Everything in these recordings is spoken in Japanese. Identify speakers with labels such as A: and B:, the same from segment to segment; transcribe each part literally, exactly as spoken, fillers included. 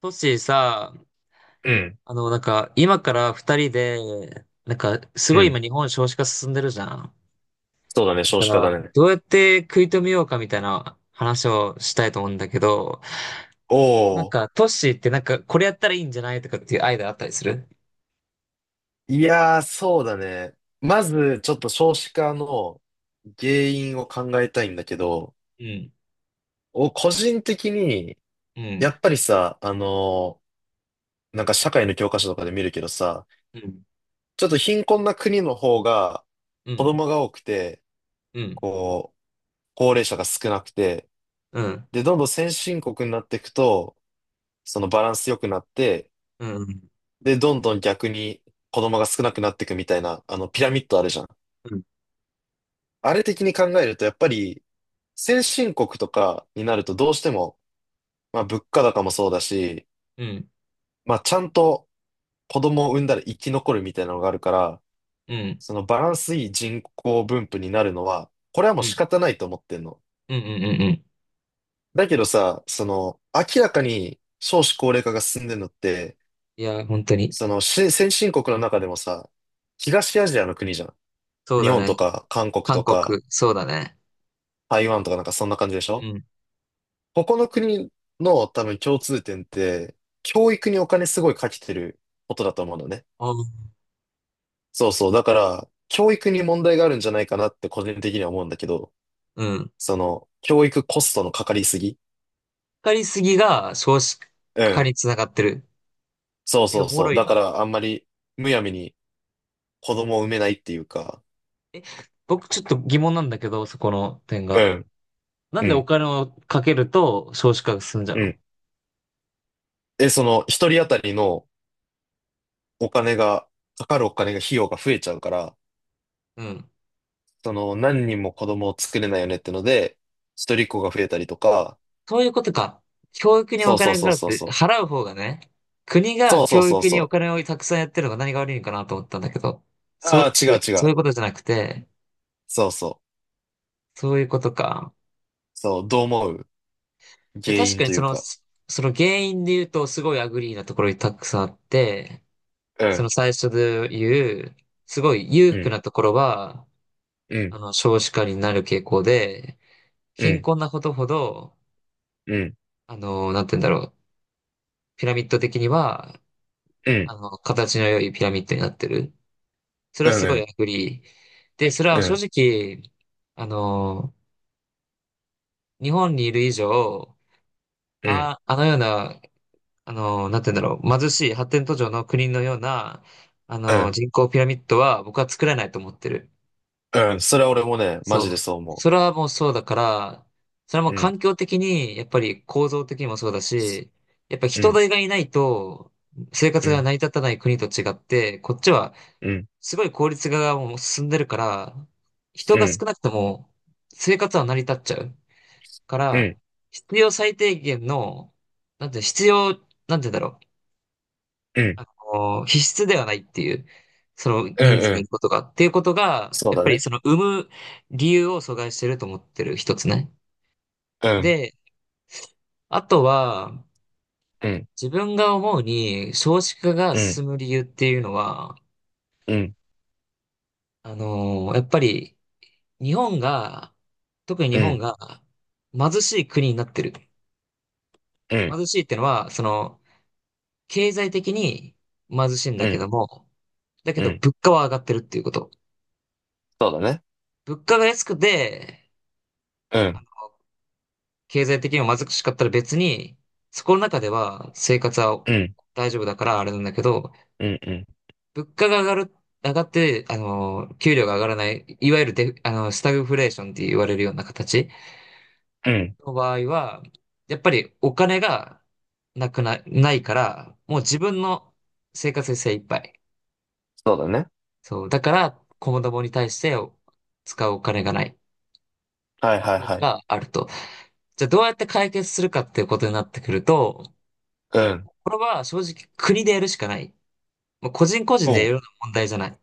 A: トッシーさ、
B: うん、
A: あの、なんか、今から二人で、なんか、す
B: う
A: ごい今
B: ん。
A: 日本少子化進んでるじゃん。
B: そうだね、少
A: だ
B: 子
A: か
B: 化だ
A: ら、
B: ね。
A: どうやって食い止めようかみたいな話をしたいと思うんだけど、
B: お
A: なん
B: お、
A: か、トッシーってなんか、これやったらいいんじゃないとかっていうアイデアあったりする？
B: いやー、そうだね。まず、ちょっと少子化の原因を考えたいんだけど、
A: うん、
B: お、個人的に、
A: うん、
B: やっぱりさ、あのーなんか社会の教科書とかで見るけどさ、
A: うん、
B: ちょっと貧困な国の方が
A: う
B: 子
A: ん、
B: 供が多くて、
A: うん、
B: こう、高齢者が少なくて、
A: うん、
B: で、どんどん先進国になっていくと、そのバランス良くなって、
A: うん、うん、
B: で、どんどん逆に子供が少なくなっていくみたいな、あの、ピラミッドあるじゃん。
A: うん、
B: あれ的に考えると、やっぱり、先進国とかになるとどうしても、まあ物価高もそうだし、
A: うん、
B: まあちゃんと子供を産んだら生き残るみたいなのがあるから、
A: うん、うん、
B: そのバランスいい人口分布になるのは、これはも
A: う
B: う
A: ん、う
B: 仕方ないと思ってんの。
A: ん。うん
B: だけどさ、その、明らかに少子高齢化が進んでるのって、
A: いや、本当に。
B: そのし先進国の中でもさ、東アジアの国じゃん。
A: そう
B: 日
A: だ
B: 本と
A: ね。
B: か韓国
A: 韓
B: とか
A: 国、そうだね。
B: 台湾とかなんかそんな感じでし
A: う
B: ょ。
A: ん。
B: ここの国の多分共通点って、教育にお金すごいかけてることだと思うのね。
A: あ
B: そうそう。だから、教育に問題があるんじゃないかなって個人的には思うんだけど、
A: うん。
B: その、教育コストのかかりすぎ。
A: かりすぎが少子
B: う
A: 化
B: ん。
A: につながってる。
B: そう
A: え、
B: そ
A: お
B: う
A: も
B: そ
A: ろ
B: う。
A: い
B: だ
A: な。
B: から、あんまり、むやみに子供を産めないっていうか、
A: 僕ちょっと疑問なんだけど、そこの点
B: う
A: が。
B: ん、
A: な
B: う
A: んでお
B: ん、
A: 金をかけると少子化が進んじゃう
B: う
A: の？
B: ん。で、その、一人当たりのお金が、かかるお金が、費用が増えちゃうから、
A: うん。
B: その、何人も子供を作れないよねってので、一人っ子が増えたりとか、
A: そういうことか。教育に
B: そ
A: お
B: うそう
A: 金が
B: そう
A: かかっ
B: そう
A: て、
B: そう。
A: 払う方がね、国が
B: そうそう
A: 教
B: そう
A: 育にお
B: そ
A: 金をたくさんやってるのが何が悪いのかなと思ったんだけど、
B: う。
A: そっ
B: あ
A: ち、
B: あ、違う違
A: そう
B: う。
A: いうことじゃなくて、
B: そうそう。
A: そういうことか。
B: そう、どう思う？
A: え、
B: 原
A: 確
B: 因
A: か
B: と
A: に
B: い
A: そ
B: う
A: の、
B: か。
A: その原因で言うとすごいアグリーなところにたくさんあって、
B: う
A: その
B: ん、
A: 最初で言う、すごい裕
B: う
A: 福
B: ん、
A: なところは、
B: うん、
A: あの、少子化になる傾向で、
B: う
A: 貧
B: ん、
A: 困なことほど、
B: うん、
A: あの、なんて言うんだろう、ピラミッド的には、
B: うん、
A: あの、形の良いピラミッドになってる。それ
B: う
A: は
B: ん、
A: す
B: う
A: ごいア
B: ん、
A: グリー。で、それ
B: う
A: は正
B: ん、
A: 直、あの、日本にいる以上、
B: うん、
A: あ、あのような、あの、なんて言うんだろう、貧しい発展途上の国のような、あ
B: う
A: の、
B: ん、
A: 人口ピラミッドは僕は作れないと思ってる。
B: うん。それは俺もね、マジ
A: そ
B: で
A: う。
B: そう思
A: それはもうそうだから、それはも
B: う。
A: う
B: うん、
A: 環境的に、やっぱり構造的にもそうだし、やっぱ
B: う
A: 人
B: ん、
A: 手がいないと生活
B: う
A: が
B: ん、
A: 成り立たない国と違って、こっちは
B: うん、
A: すごい効率化がもう進んでるから、人
B: うん、う
A: が少
B: ん、
A: なくとも生活は成り立っちゃうか
B: う
A: ら、
B: ん、
A: 必要最低限の、なんて必要、なんて言うんだろう。あの、必須ではないっていう、その
B: うん、
A: 人数
B: う
A: がいる
B: ん。
A: ことが、っていうことが、
B: そう
A: やっ
B: だ
A: ぱり
B: ね。
A: その生む理由を阻害してると思ってる一つね。
B: うん、
A: で、あとは、
B: うん、
A: 自分が思うに少子化が
B: うん、
A: 進む理由っていうのは、
B: うん、
A: あの、やっぱり日本が、特に日
B: う
A: 本
B: ん、
A: が貧しい国になってる。
B: うん、
A: 貧しいっていうのは、その、経済的に貧しいん
B: う
A: だけ
B: ん、
A: ども、だけ
B: う
A: ど
B: ん。
A: 物価は上がってるっていうこと。
B: そうだね。
A: 物価が安くて、
B: うん、
A: 経済的にも貧しかったら別に、そこの中では生活は
B: うん、
A: 大丈夫だからあれなんだけど、
B: うん、うん、
A: 物価が上がる、上がって、あの、給料が上がらない、いわゆるデフ、あの、スタグフレーションって言われるような形
B: うん。
A: の場合は、やっぱりお金がなくな、ないから、もう自分の生活に精一杯。
B: そうだね。
A: そう。だから、子供に対して使うお金がないっ
B: はいはい
A: ていうの
B: はい。
A: があると。じゃあどうやって解決するかっていうことになってくると、
B: うん。
A: これは正直国でやるしかない。もう個人個人
B: お
A: でやる
B: う、
A: ような問題じゃない。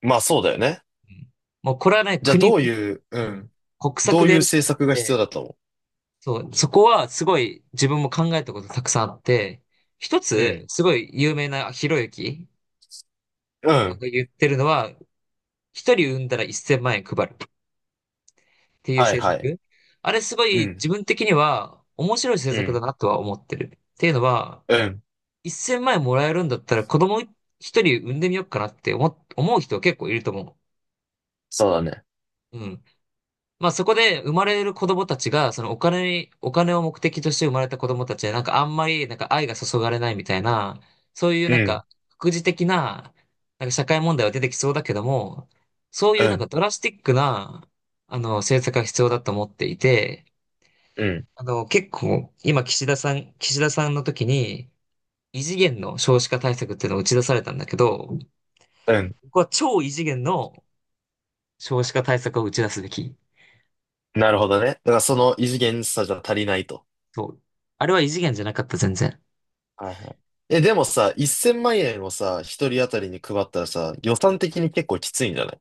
B: まあそうだよね。
A: うん、もうこれはね、
B: じゃあ
A: 国、
B: どういう、う
A: うん、
B: ん。
A: 国
B: ど
A: 策
B: う
A: で
B: いう
A: やるしか
B: 政
A: なく
B: 策が必要
A: て、
B: だと思
A: そう、そこはすごい自分も考えたことたくさんあって、一
B: う？う
A: つ、
B: ん。
A: すごい有名なひろゆき
B: う
A: が
B: ん。
A: 言ってるのは、一人産んだらせんまん円配るっていう
B: はい
A: 政
B: はい。
A: 策。あれすご
B: う
A: い
B: ん。
A: 自分的には面白い政
B: う
A: 策だ
B: ん。
A: なとは思ってる。っていうのは、
B: うん。
A: せんまん円もらえるんだったら子供一人産んでみようかなって思、思う人結構いると思う。
B: そうだね。
A: うん。まあそこで生まれる子供たちが、そのお金に、お金を目的として生まれた子供たちは、なんかあんまり、なんか愛が注がれないみたいな、そういう
B: う
A: なん
B: ん。
A: か、副次的な、なんか社会問題は出てきそうだけども、そういう
B: う
A: なん
B: ん。
A: かドラスティックな、あの、政策が必要だと思っていて、
B: うん。
A: あの、結構、今岸田さん、岸田さんの時に、異次元の少子化対策っていうのを打ち出されたんだけど、
B: うん。
A: ここは超異次元の少子化対策を打ち出すべき。
B: なるほどね。だからその異次元さじゃ足りないと。
A: そう。あれは異次元じゃなかった、全然。
B: はいはい。え、でもさ、せんまん円をさ、一人当たりに配ったらさ、予
A: うん、
B: 算的に結構きついんじゃない？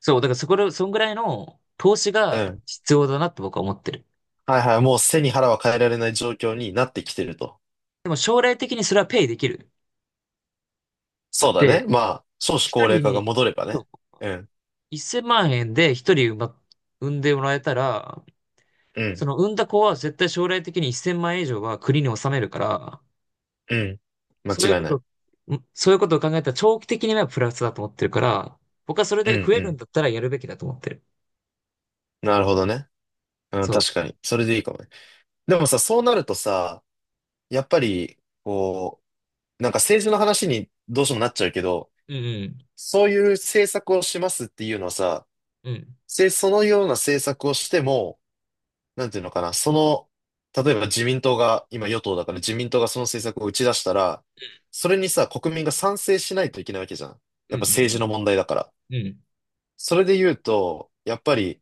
A: そう、だからそこら、そんぐらいの投資
B: う
A: が
B: ん。
A: 必要だなって僕は思ってる。
B: はいはい。もう背に腹は変えられない状況
A: うん、
B: になってきてると。
A: でも将来的にそれはペイできる。だっ
B: そうだね。
A: て、
B: まあ、少子
A: 一
B: 高齢
A: 人
B: 化が
A: に、
B: 戻ればね。
A: そ
B: うん。
A: う、せんまん円で一人産ま産んでもらえたら、
B: うん。
A: その産んだ子は絶対将来的にせんまん円以上は国に納めるから、
B: うん。
A: そういう
B: 間違い
A: こ
B: な
A: と、
B: い。
A: んそういうことを考えたら長期的にはプラスだと思ってるから、僕はそれ
B: う
A: で
B: ん
A: 増え
B: う
A: るん
B: ん。
A: だったらやるべきだと思ってる。
B: なるほどね。うん、
A: そう。
B: 確かに。それでいいかもね。でもさ、そうなるとさ、やっぱり、こう、なんか政治の話にどうしてもなっちゃうけど、
A: うん、
B: そういう政策をしますっていうのはさ、
A: うん。うん。
B: せ、そのような政策をしても、なんていうのかな、その、例えば自民党が、今与党だから自民党がその政策を打ち出したら、それにさ、国民が賛成しないといけないわけじゃん。
A: う
B: やっぱ
A: ん、う
B: 政治
A: ん、
B: の問題だから。
A: うん。うん。
B: それで言うと、やっぱり、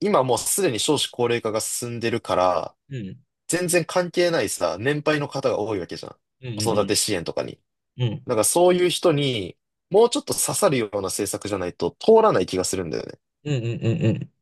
B: 今もうすでに少子高齢化が進んでるから、
A: うん。
B: 全然関係ないさ、年配の方が多いわけじゃん。
A: うん、う
B: 子
A: ん、う
B: 育
A: ん。
B: て支援とかに。
A: うん。
B: なんかそういう人に、もうちょっと刺さるような政策じゃないと通らない気がするんだよね。
A: うん、うん、うん、うん。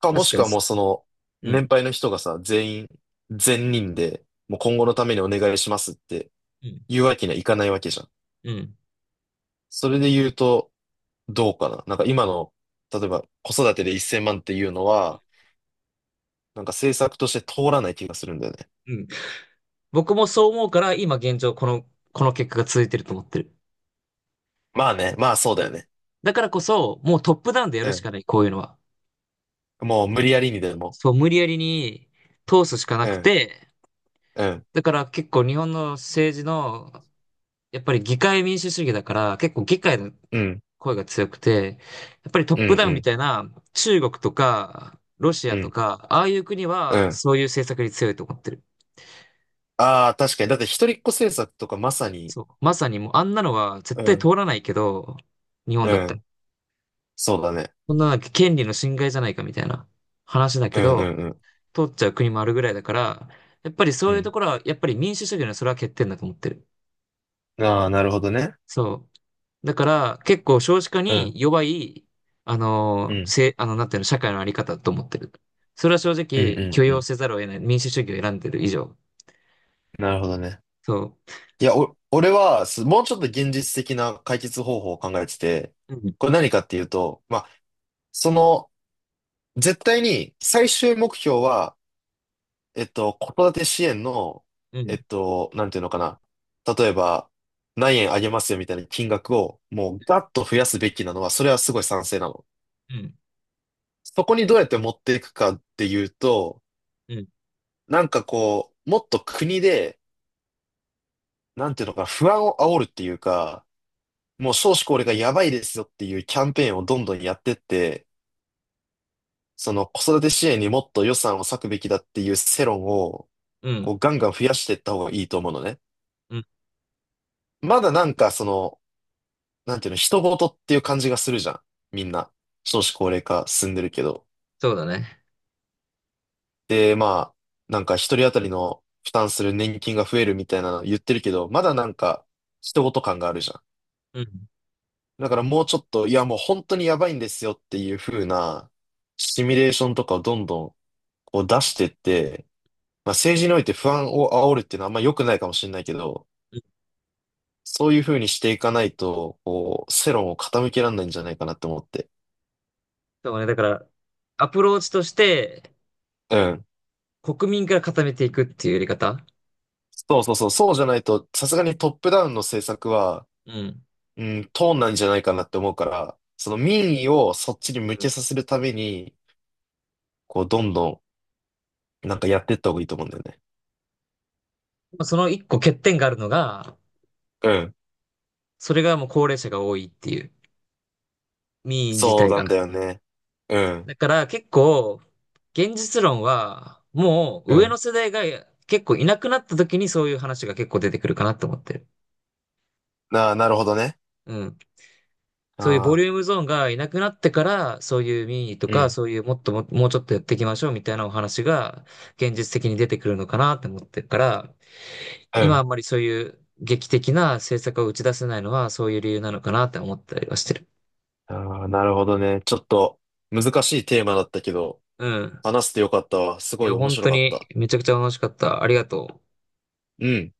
B: か、も
A: 確
B: し
A: か
B: く
A: に
B: はも
A: す。
B: うその、
A: う
B: 年
A: ん。
B: 配の人がさ、全員、全人で、もう今後のためにお願いしますって
A: うん。
B: 言うわけにはいかないわけじゃん。
A: うん。
B: それで言うと、どうかな。なんか今の、例えば子育てでせんまんっていうのは、なんか政策として通らない気がするんだよね。
A: うん。僕もそう思うから、今現状この、この結果が続いてると思ってる。
B: まあね、まあそうだ
A: そ
B: よ
A: う、
B: ね。
A: だからこそ、もうトップダウンでや
B: う
A: るし
B: ん。
A: かない、こういうのは。
B: もう無理やりにでも。
A: そう、無理やりに通すしかな
B: う
A: く
B: ん。
A: て、
B: うん。
A: だから結構日本の政治の、やっぱり議会民主主義だから、結構議会の
B: うん、
A: 声が強くて、やっぱりトッ
B: うん、
A: プダ
B: う
A: ウンみ
B: ん、
A: たいな中国とか、ロシ
B: う
A: アと
B: ん、
A: か、ああいう国
B: う
A: は
B: ん。
A: そういう政策に強いと思ってる。
B: ああ、確かに。だって一人っ子政策とかまさに、
A: そう。まさにもうあんなのは絶
B: う
A: 対通
B: ん、
A: らないけど、日本
B: う
A: だったら。
B: ん、そうだね。
A: そんななんか権利の侵害じゃないかみたいな話だけ
B: うん、うん、
A: ど、
B: うん、
A: 通っちゃう国もあるぐらいだから、やっぱりそういうところは、やっぱり民主主義のそれは欠点だと思ってる。
B: うん。ああ、なるほどね。
A: そう。だから結構少子化
B: うん、
A: に弱い、あ
B: う
A: の、
B: ん、
A: せ、あの、なんていうの、社会のあり方だと思ってる。それは正
B: うん、う
A: 直
B: ん、
A: 許
B: う
A: 容
B: ん。
A: せざるを得ない。民主主義を選んでる以上。
B: なるほどね。
A: そ
B: いや、お、俺は、すもうちょっと現実的な解決方法を考えてて、
A: う。うん、
B: これ何かっていうと、まあ、その、絶対に最終目標は、えっと、子育て支援の、
A: う
B: え
A: ん、
B: っと、なんていうのかな。例えば、何円あげますよみたいな金額を、もうガッと増やすべきなのは、それはすごい賛成なの。
A: うん、
B: そこにどうやって持っていくかっていうと、
A: うん、
B: なんかこう、もっと国で、なんていうのかな、不安を煽るっていうか、もう少子高齢がやばいですよっていうキャンペーンをどんどんやってって、その子育て支援にもっと予算を割くべきだっていう世論を、
A: う
B: こう
A: ん、
B: ガンガン増やしていった方がいいと思うのね。
A: うん、
B: まだなんかその、なんていうの、人事っていう感じがするじゃん。みんな。少子高齢化進んでるけど。
A: そうだね。
B: で、まあ、なんか一人当たりの負担する年金が増えるみたいなの言ってるけど、まだなんか人事感があるじゃん。
A: うん、
B: だからもうちょっと、いやもう本当にやばいんですよっていう風なシミュレーションとかをどんどんこう出してって、まあ政治において不安を煽るっていうのはあんま良くないかもしれないけど、そういう風にしていかないと、こう、世論を傾けられないんじゃないかなって思って。
A: そうね、だから、アプローチとして、
B: うん。
A: 国民から固めていくっていうやり方。
B: そうそうそう、そうじゃないと、さすがにトップダウンの政策は、
A: うん。
B: うん、通んないんじゃないかなって思うから、その民意をそっちに
A: う
B: 向け
A: ん。
B: させるために、こう、どんどん、なんかやっていった方がいいと思うんだよね。
A: まあその一個欠点があるのが、
B: うん。
A: それがもう高齢者が多いっていう、民意自
B: そう
A: 体
B: な
A: が。
B: んだよね。うん。
A: だから結構、現実論は、も
B: う
A: う上の
B: ん。
A: 世代が結構いなくなった時にそういう話が結構出てくるかなと思ってる。
B: なあ、なるほどね。
A: うん。そういうボ
B: あ
A: リ
B: あ、
A: ュームゾーンがいなくなってから、そういう民意と
B: う
A: か、
B: ん。
A: そういうもっとも、もうちょっとやっていきましょうみたいなお話が現実的に出てくるのかなって思ってるから、
B: う
A: 今あ
B: ん。
A: んまりそういう劇的な政策を打ち出せないのはそういう理由なのかなって思ったりはしてる。
B: ああ、なるほどね。ちょっと、難しいテーマだったけど、
A: うん。
B: 話してよかったわ。す
A: い
B: ごい
A: や、
B: 面
A: 本
B: 白
A: 当
B: かっ
A: に
B: た。
A: めちゃくちゃ楽しかった。ありがとう。
B: うん。